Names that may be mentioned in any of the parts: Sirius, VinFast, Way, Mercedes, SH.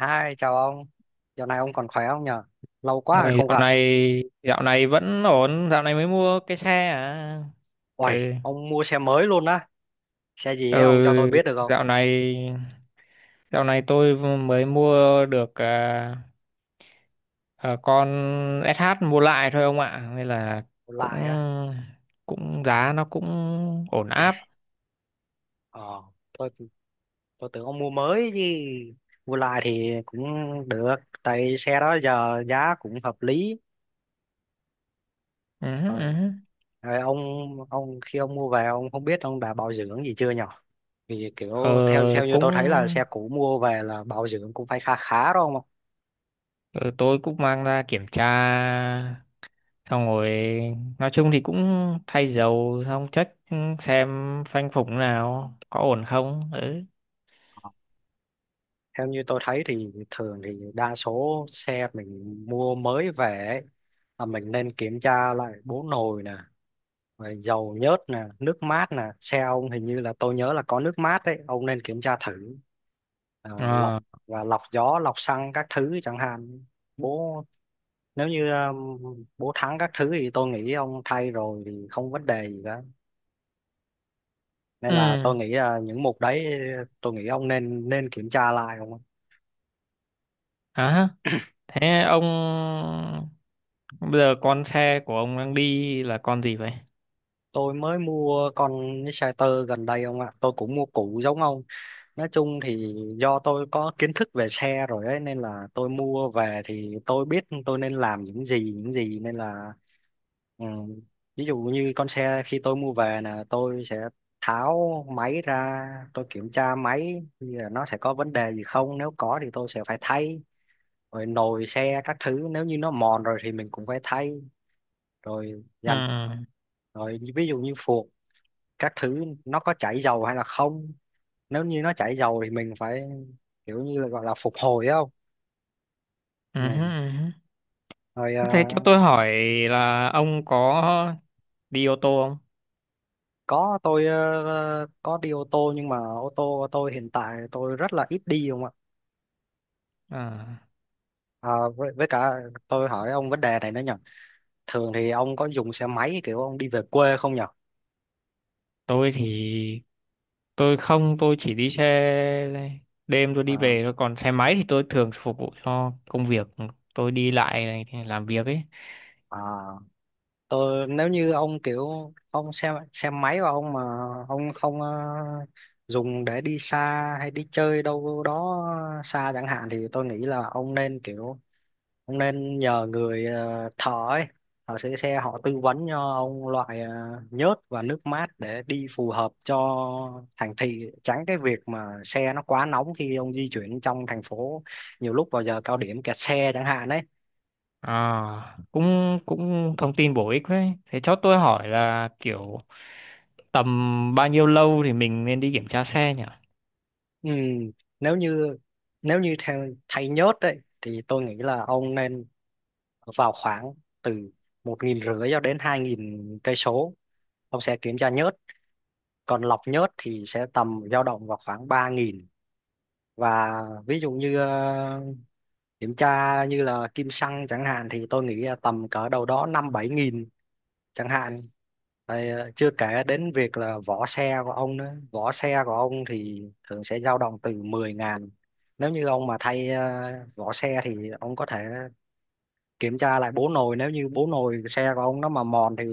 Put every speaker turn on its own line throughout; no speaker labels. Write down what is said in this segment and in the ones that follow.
Hi, chào ông. Dạo này ông còn khỏe không nhờ? Lâu quá rồi
Ôi,
không
dạo
gặp.
này dạo này vẫn ổn, dạo này mới mua cái xe à. Ừ.
Uầy, ông mua xe mới luôn á. Xe gì
Ừ,
ấy, ông cho tôi biết được không?
dạo này dạo này tôi mới mua được à, con SH mua lại thôi ông ạ, nên là
Một
cũng
lại á.
cũng giá nó cũng ổn áp.
Ờ, tôi tôi tưởng ông mua mới chứ. Mua lại thì cũng được. Tại xe đó giờ giá cũng hợp lý.
Ừ hứ,
Rồi,
ừ hứ.
rồi, ông khi ông mua về ông không biết ông đã bảo dưỡng gì chưa nhở? Vì kiểu theo
Ờ,
theo như
cũng
tôi thấy là xe cũ mua về là bảo dưỡng cũng phải khá khá đó ông ạ.
ờ, tôi cũng mang ra kiểm tra, xong rồi nói chung thì cũng thay dầu xong check xem phanh phủng nào có ổn không. Ừ.
Theo như tôi thấy thì thường thì đa số xe mình mua mới về ấy, là mình nên kiểm tra lại bố nồi nè, rồi dầu nhớt nè, nước mát nè. Xe ông hình như là tôi nhớ là có nước mát đấy, ông nên kiểm tra thử. À, lọc
Ờ.
và lọc gió, lọc xăng các thứ chẳng hạn. Bố nếu như bố thắng các thứ thì tôi nghĩ ông thay rồi thì không vấn đề gì cả. Nên
Ừ.
là tôi nghĩ là những mục đấy, tôi nghĩ ông nên nên kiểm tra lại.
À, thế ông, bây giờ con xe của ông đang đi là con gì vậy?
Tôi mới mua con Insider gần đây ông ạ. Tôi cũng mua cũ giống ông. Nói chung thì do tôi có kiến thức về xe rồi ấy, nên là tôi mua về thì tôi biết tôi nên làm những gì, những gì nên là ừ, ví dụ như con xe khi tôi mua về là tôi sẽ tháo máy ra, tôi kiểm tra máy thì nó sẽ có vấn đề gì không, nếu có thì tôi sẽ phải thay. Rồi nồi xe các thứ, nếu như nó mòn rồi thì mình cũng phải thay. Rồi
Ừ.
dàn rồi ví dụ như phuộc các thứ nó có chảy dầu hay là không, nếu như nó chảy dầu thì mình phải kiểu như là gọi là phục hồi ấy không.
Ừ hứ,
Ừ.
ừ hứ.
Rồi
Thế cho tôi hỏi là ông có đi ô tô không?
có đi ô tô, nhưng mà ô tô của tôi hiện tại tôi rất là ít đi không ạ.
À,
À, với cả tôi hỏi ông vấn đề này nữa nhỉ, thường thì ông có dùng xe máy kiểu ông đi về quê không nhỉ?
tôi thì tôi không tôi chỉ đi xe đêm tôi đi
À,
về thôi, còn xe máy thì tôi thường phục vụ cho công việc, tôi đi lại này thì làm việc ấy.
à, ờ, nếu như ông kiểu ông xem máy và ông mà ông không dùng để đi xa hay đi chơi đâu đó xa chẳng hạn thì tôi nghĩ là ông nên kiểu ông nên nhờ người thợ ấy, thợ sửa xe họ tư vấn cho ông loại nhớt và nước mát để đi phù hợp cho thành thị, tránh cái việc mà xe nó quá nóng khi ông di chuyển trong thành phố, nhiều lúc vào giờ cao điểm kẹt xe chẳng hạn đấy.
À, cũng cũng thông tin bổ ích đấy. Thế cho tôi hỏi là kiểu tầm bao nhiêu lâu thì mình nên đi kiểm tra xe nhỉ?
Ừ, nếu như nếu như theo thay nhớt đấy thì tôi nghĩ là ông nên vào khoảng từ 1.500 cho đến 2.000 cây số, ông sẽ kiểm tra nhớt. Còn lọc nhớt thì sẽ tầm dao động vào khoảng 3.000. Và ví dụ như kiểm tra như là kim xăng chẳng hạn thì tôi nghĩ là tầm cỡ đâu đó năm bảy nghìn chẳng hạn. Rồi, chưa kể đến việc là vỏ xe của ông nữa, vỏ xe của ông thì thường sẽ dao động từ 10 ngàn. Nếu như ông mà thay vỏ xe thì ông có thể kiểm tra lại bố nồi, nếu như bố nồi xe của ông nó mà mòn thì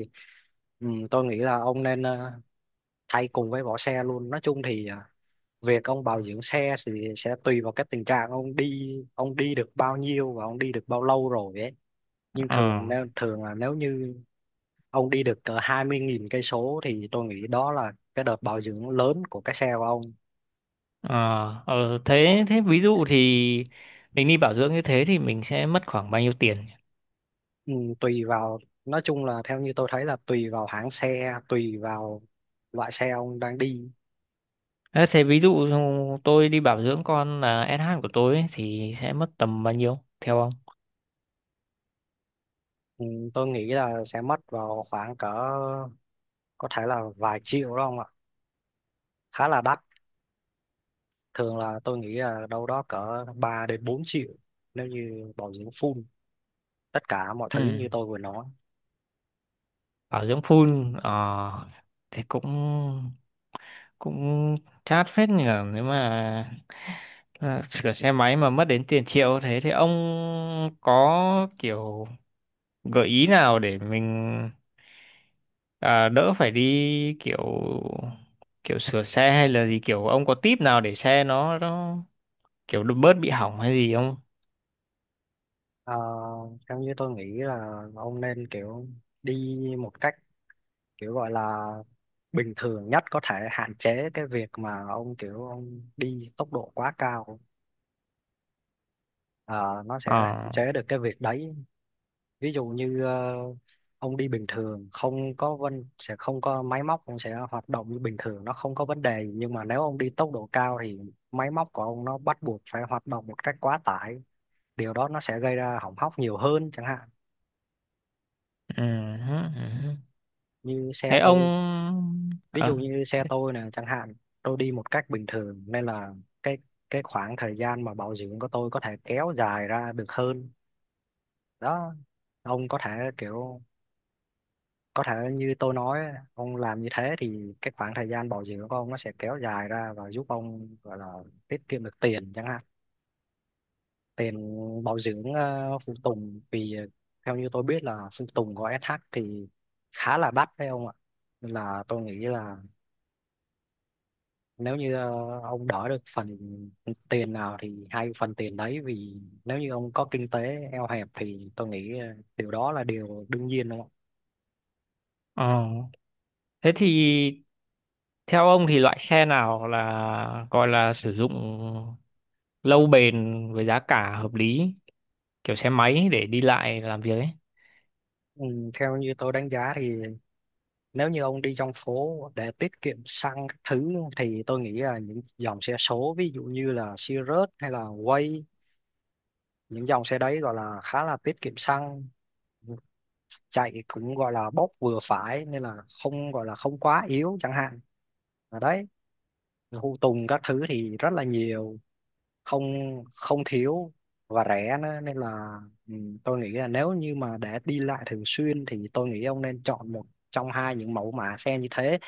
ừ, tôi nghĩ là ông nên thay cùng với vỏ xe luôn. Nói chung thì việc ông bảo dưỡng xe thì sẽ tùy vào cái tình trạng ông đi, ông đi được bao nhiêu và ông đi được bao lâu rồi ấy. Nhưng
Ờ.
thường là nếu như ông đi được cỡ 20.000 cây số thì tôi nghĩ đó là cái đợt bảo dưỡng lớn của cái xe của ông.
Ờ. Ờ, thế thế ví dụ thì mình đi bảo dưỡng như thế thì mình sẽ mất khoảng bao nhiêu tiền?
Ừ, tùy vào, nói chung là theo như tôi thấy là tùy vào hãng xe, tùy vào loại xe ông đang đi.
Thế thế ví dụ tôi đi bảo dưỡng con là SH của tôi ấy, thì sẽ mất tầm bao nhiêu theo ông?
Ừ, tôi nghĩ là sẽ mất vào khoảng cỡ, có thể là vài triệu đó ông ạ, khá là đắt. Thường là tôi nghĩ là đâu đó cỡ 3 đến 4 triệu nếu như bảo dưỡng full tất cả mọi
Ừ.
thứ như tôi vừa nói.
Bảo dưỡng full ờ thì cũng cũng chát phết nhỉ. Nếu mà à, sửa xe máy mà mất đến tiền triệu thế thì ông có kiểu gợi ý nào để mình à, đỡ phải đi kiểu kiểu sửa xe hay là gì, kiểu ông có tip nào để xe nó kiểu bớt bị hỏng hay gì không?
Ờ, theo như tôi nghĩ là ông nên kiểu đi một cách kiểu gọi là bình thường nhất có thể, hạn chế cái việc mà ông kiểu ông đi tốc độ quá cao. Ờ, nó sẽ hạn
Ờ.
chế được cái việc đấy. Ví dụ như ông đi bình thường không có vân sẽ không có máy móc, ông sẽ hoạt động như bình thường, nó không có vấn đề gì. Nhưng mà nếu ông đi tốc độ cao thì máy móc của ông nó bắt buộc phải hoạt động một cách quá tải, điều đó nó sẽ gây ra hỏng hóc nhiều hơn chẳng hạn.
Ừ hứ, ừ hứ.
Như xe
Thế ông
tôi Ví dụ
ờ.
như xe tôi nè chẳng hạn, tôi đi một cách bình thường nên là cái cái khoảng thời gian mà bảo dưỡng của tôi có thể kéo dài ra được hơn đó. Ông có thể kiểu, có thể như tôi nói, ông làm như thế thì cái khoảng thời gian bảo dưỡng của ông nó sẽ kéo dài ra và giúp ông gọi là tiết kiệm được tiền chẳng hạn, tiền bảo dưỡng phụ tùng. Vì theo như tôi biết là phụ tùng của SH thì khá là đắt phải không ạ, nên là tôi nghĩ là nếu như ông đỡ được phần tiền nào thì hay phần tiền đấy. Vì nếu như ông có kinh tế eo hẹp thì tôi nghĩ điều đó là điều đương nhiên, đúng không ạ?
Ờ. Thế thì theo ông thì loại xe nào là gọi là sử dụng lâu bền với giá cả hợp lý, kiểu xe máy để đi lại làm việc ấy?
Ừ, theo như tôi đánh giá thì nếu như ông đi trong phố để tiết kiệm xăng các thứ thì tôi nghĩ là những dòng xe số, ví dụ như là Sirius hay là Way, những dòng xe đấy gọi là khá là tiết kiệm xăng, chạy cũng gọi là bốc vừa phải nên là không, gọi là không quá yếu chẳng hạn, ở đấy Thu Tùng các thứ thì rất là nhiều, không không thiếu và rẻ nữa. Nên là ừ, tôi nghĩ là nếu như mà để đi lại thường xuyên thì tôi nghĩ ông nên chọn một trong hai những mẫu mã xe như thế.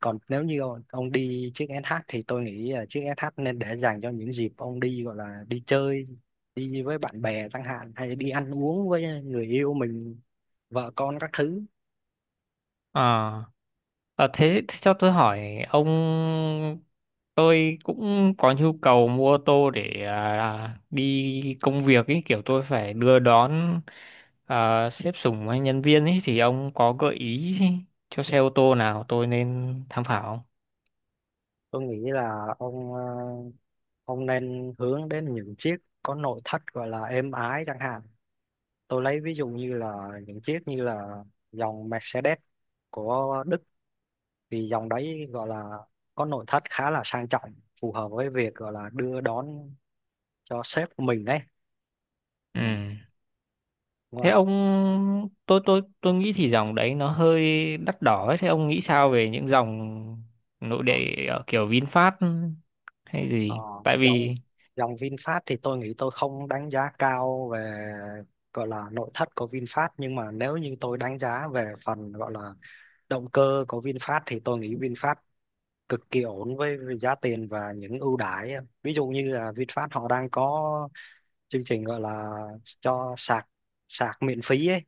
Còn nếu như ông đi chiếc SH thì tôi nghĩ là chiếc SH nên để dành cho những dịp ông đi, gọi là đi chơi, đi với bạn bè chẳng hạn, hay đi ăn uống với người yêu mình, vợ con các thứ.
Ờ. Ờ, thế cho tôi hỏi ông, tôi cũng có nhu cầu mua ô tô để à, đi công việc ý, kiểu tôi phải đưa đón à, sếp sủng hay nhân viên ý, thì ông có gợi ý cho xe ô tô nào tôi nên tham khảo không?
Tôi nghĩ là ông nên hướng đến những chiếc có nội thất gọi là êm ái chẳng hạn. Tôi lấy ví dụ như là những chiếc như là dòng Mercedes của Đức, thì dòng đấy gọi là có nội thất khá là sang trọng, phù hợp với việc gọi là đưa đón cho sếp của mình ấy. Ừ.
Ừ. Thế
ngoài
ông, tôi nghĩ thì dòng đấy nó hơi đắt đỏ ấy. Thế ông nghĩ sao về những dòng nội địa
ờ,
ở kiểu VinFast hay
Ờ,
gì? Tại
dòng
vì
dòng VinFast thì tôi nghĩ tôi không đánh giá cao về gọi là nội thất của VinFast, nhưng mà nếu như tôi đánh giá về phần gọi là động cơ của VinFast thì tôi nghĩ VinFast cực kỳ ổn với giá tiền và những ưu đãi. Ví dụ như là VinFast họ đang có chương trình gọi là cho sạc sạc miễn phí ấy,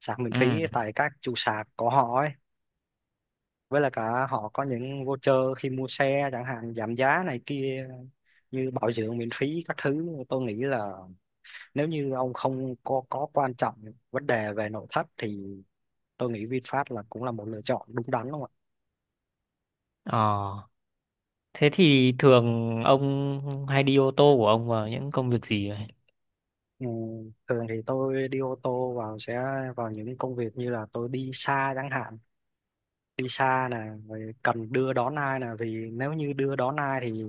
sạc miễn
ừ.
phí tại các trụ sạc của họ ấy, với lại cả họ có những voucher khi mua xe chẳng hạn, giảm giá này kia, như bảo dưỡng miễn phí các thứ. Tôi nghĩ là nếu như ông không có quan trọng vấn đề về nội thất thì tôi nghĩ VinFast cũng là một lựa chọn đúng đắn, đúng không ạ?
Ờ. Thế thì thường ông hay đi ô tô của ông vào những công việc gì vậy?
Ừ, thường thì tôi đi ô tô vào sẽ vào những công việc như là tôi đi xa chẳng hạn, đi xa nè, rồi cần đưa đón ai nè, vì nếu như đưa đón ai thì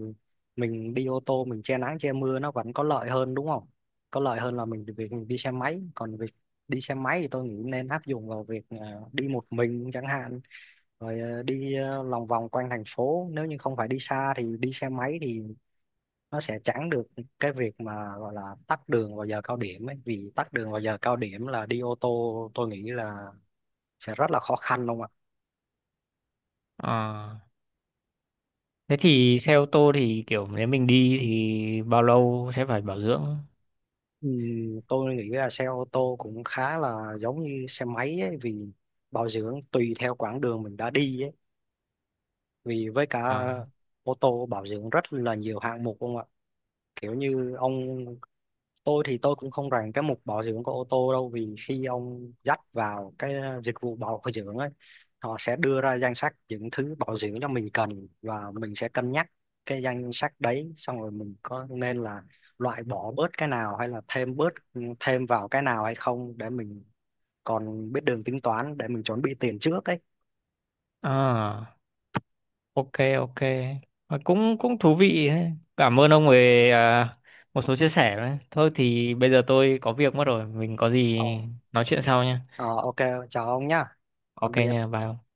mình đi ô tô, mình che nắng che mưa, nó vẫn có lợi hơn đúng không, có lợi hơn là mình việc mình đi xe máy. Còn việc đi xe máy thì tôi nghĩ nên áp dụng vào việc à, đi một mình chẳng hạn, rồi à, đi à, lòng vòng quanh thành phố. Nếu như không phải đi xa thì đi xe máy thì nó sẽ tránh được cái việc mà gọi là tắc đường vào giờ cao điểm ấy, vì tắc đường vào giờ cao điểm là đi ô tô tôi nghĩ là sẽ rất là khó khăn không ạ.
À, thế thì xe ô tô thì kiểu nếu mình đi thì bao lâu sẽ phải bảo dưỡng?
Ừ, tôi nghĩ là xe ô tô cũng khá là giống như xe máy ấy, vì bảo dưỡng tùy theo quãng đường mình đã đi ấy. Vì với cả
À,
ô tô bảo dưỡng rất là nhiều hạng mục không ạ? Kiểu như ông, tôi thì tôi cũng không rành cái mục bảo dưỡng của ô tô đâu, vì khi ông dắt vào cái dịch vụ bảo dưỡng ấy, họ sẽ đưa ra danh sách những thứ bảo dưỡng cho mình cần và mình sẽ cân nhắc cái danh sách đấy, xong rồi mình có nên là loại bỏ bớt cái nào hay là thêm bớt ừ, thêm vào cái nào hay không, để mình còn biết đường tính toán để mình chuẩn bị tiền trước ấy.
à, ok ok. Ờ, cũng cũng thú vị đấy. Cảm ơn ông về à, một số chia sẻ đấy. Thôi thì bây giờ tôi có việc mất rồi, mình có gì
ờ,
nói chuyện sau nha.
Ờ, ok, chào ông nhá, tạm
Ok
biệt.
nha, bye ông.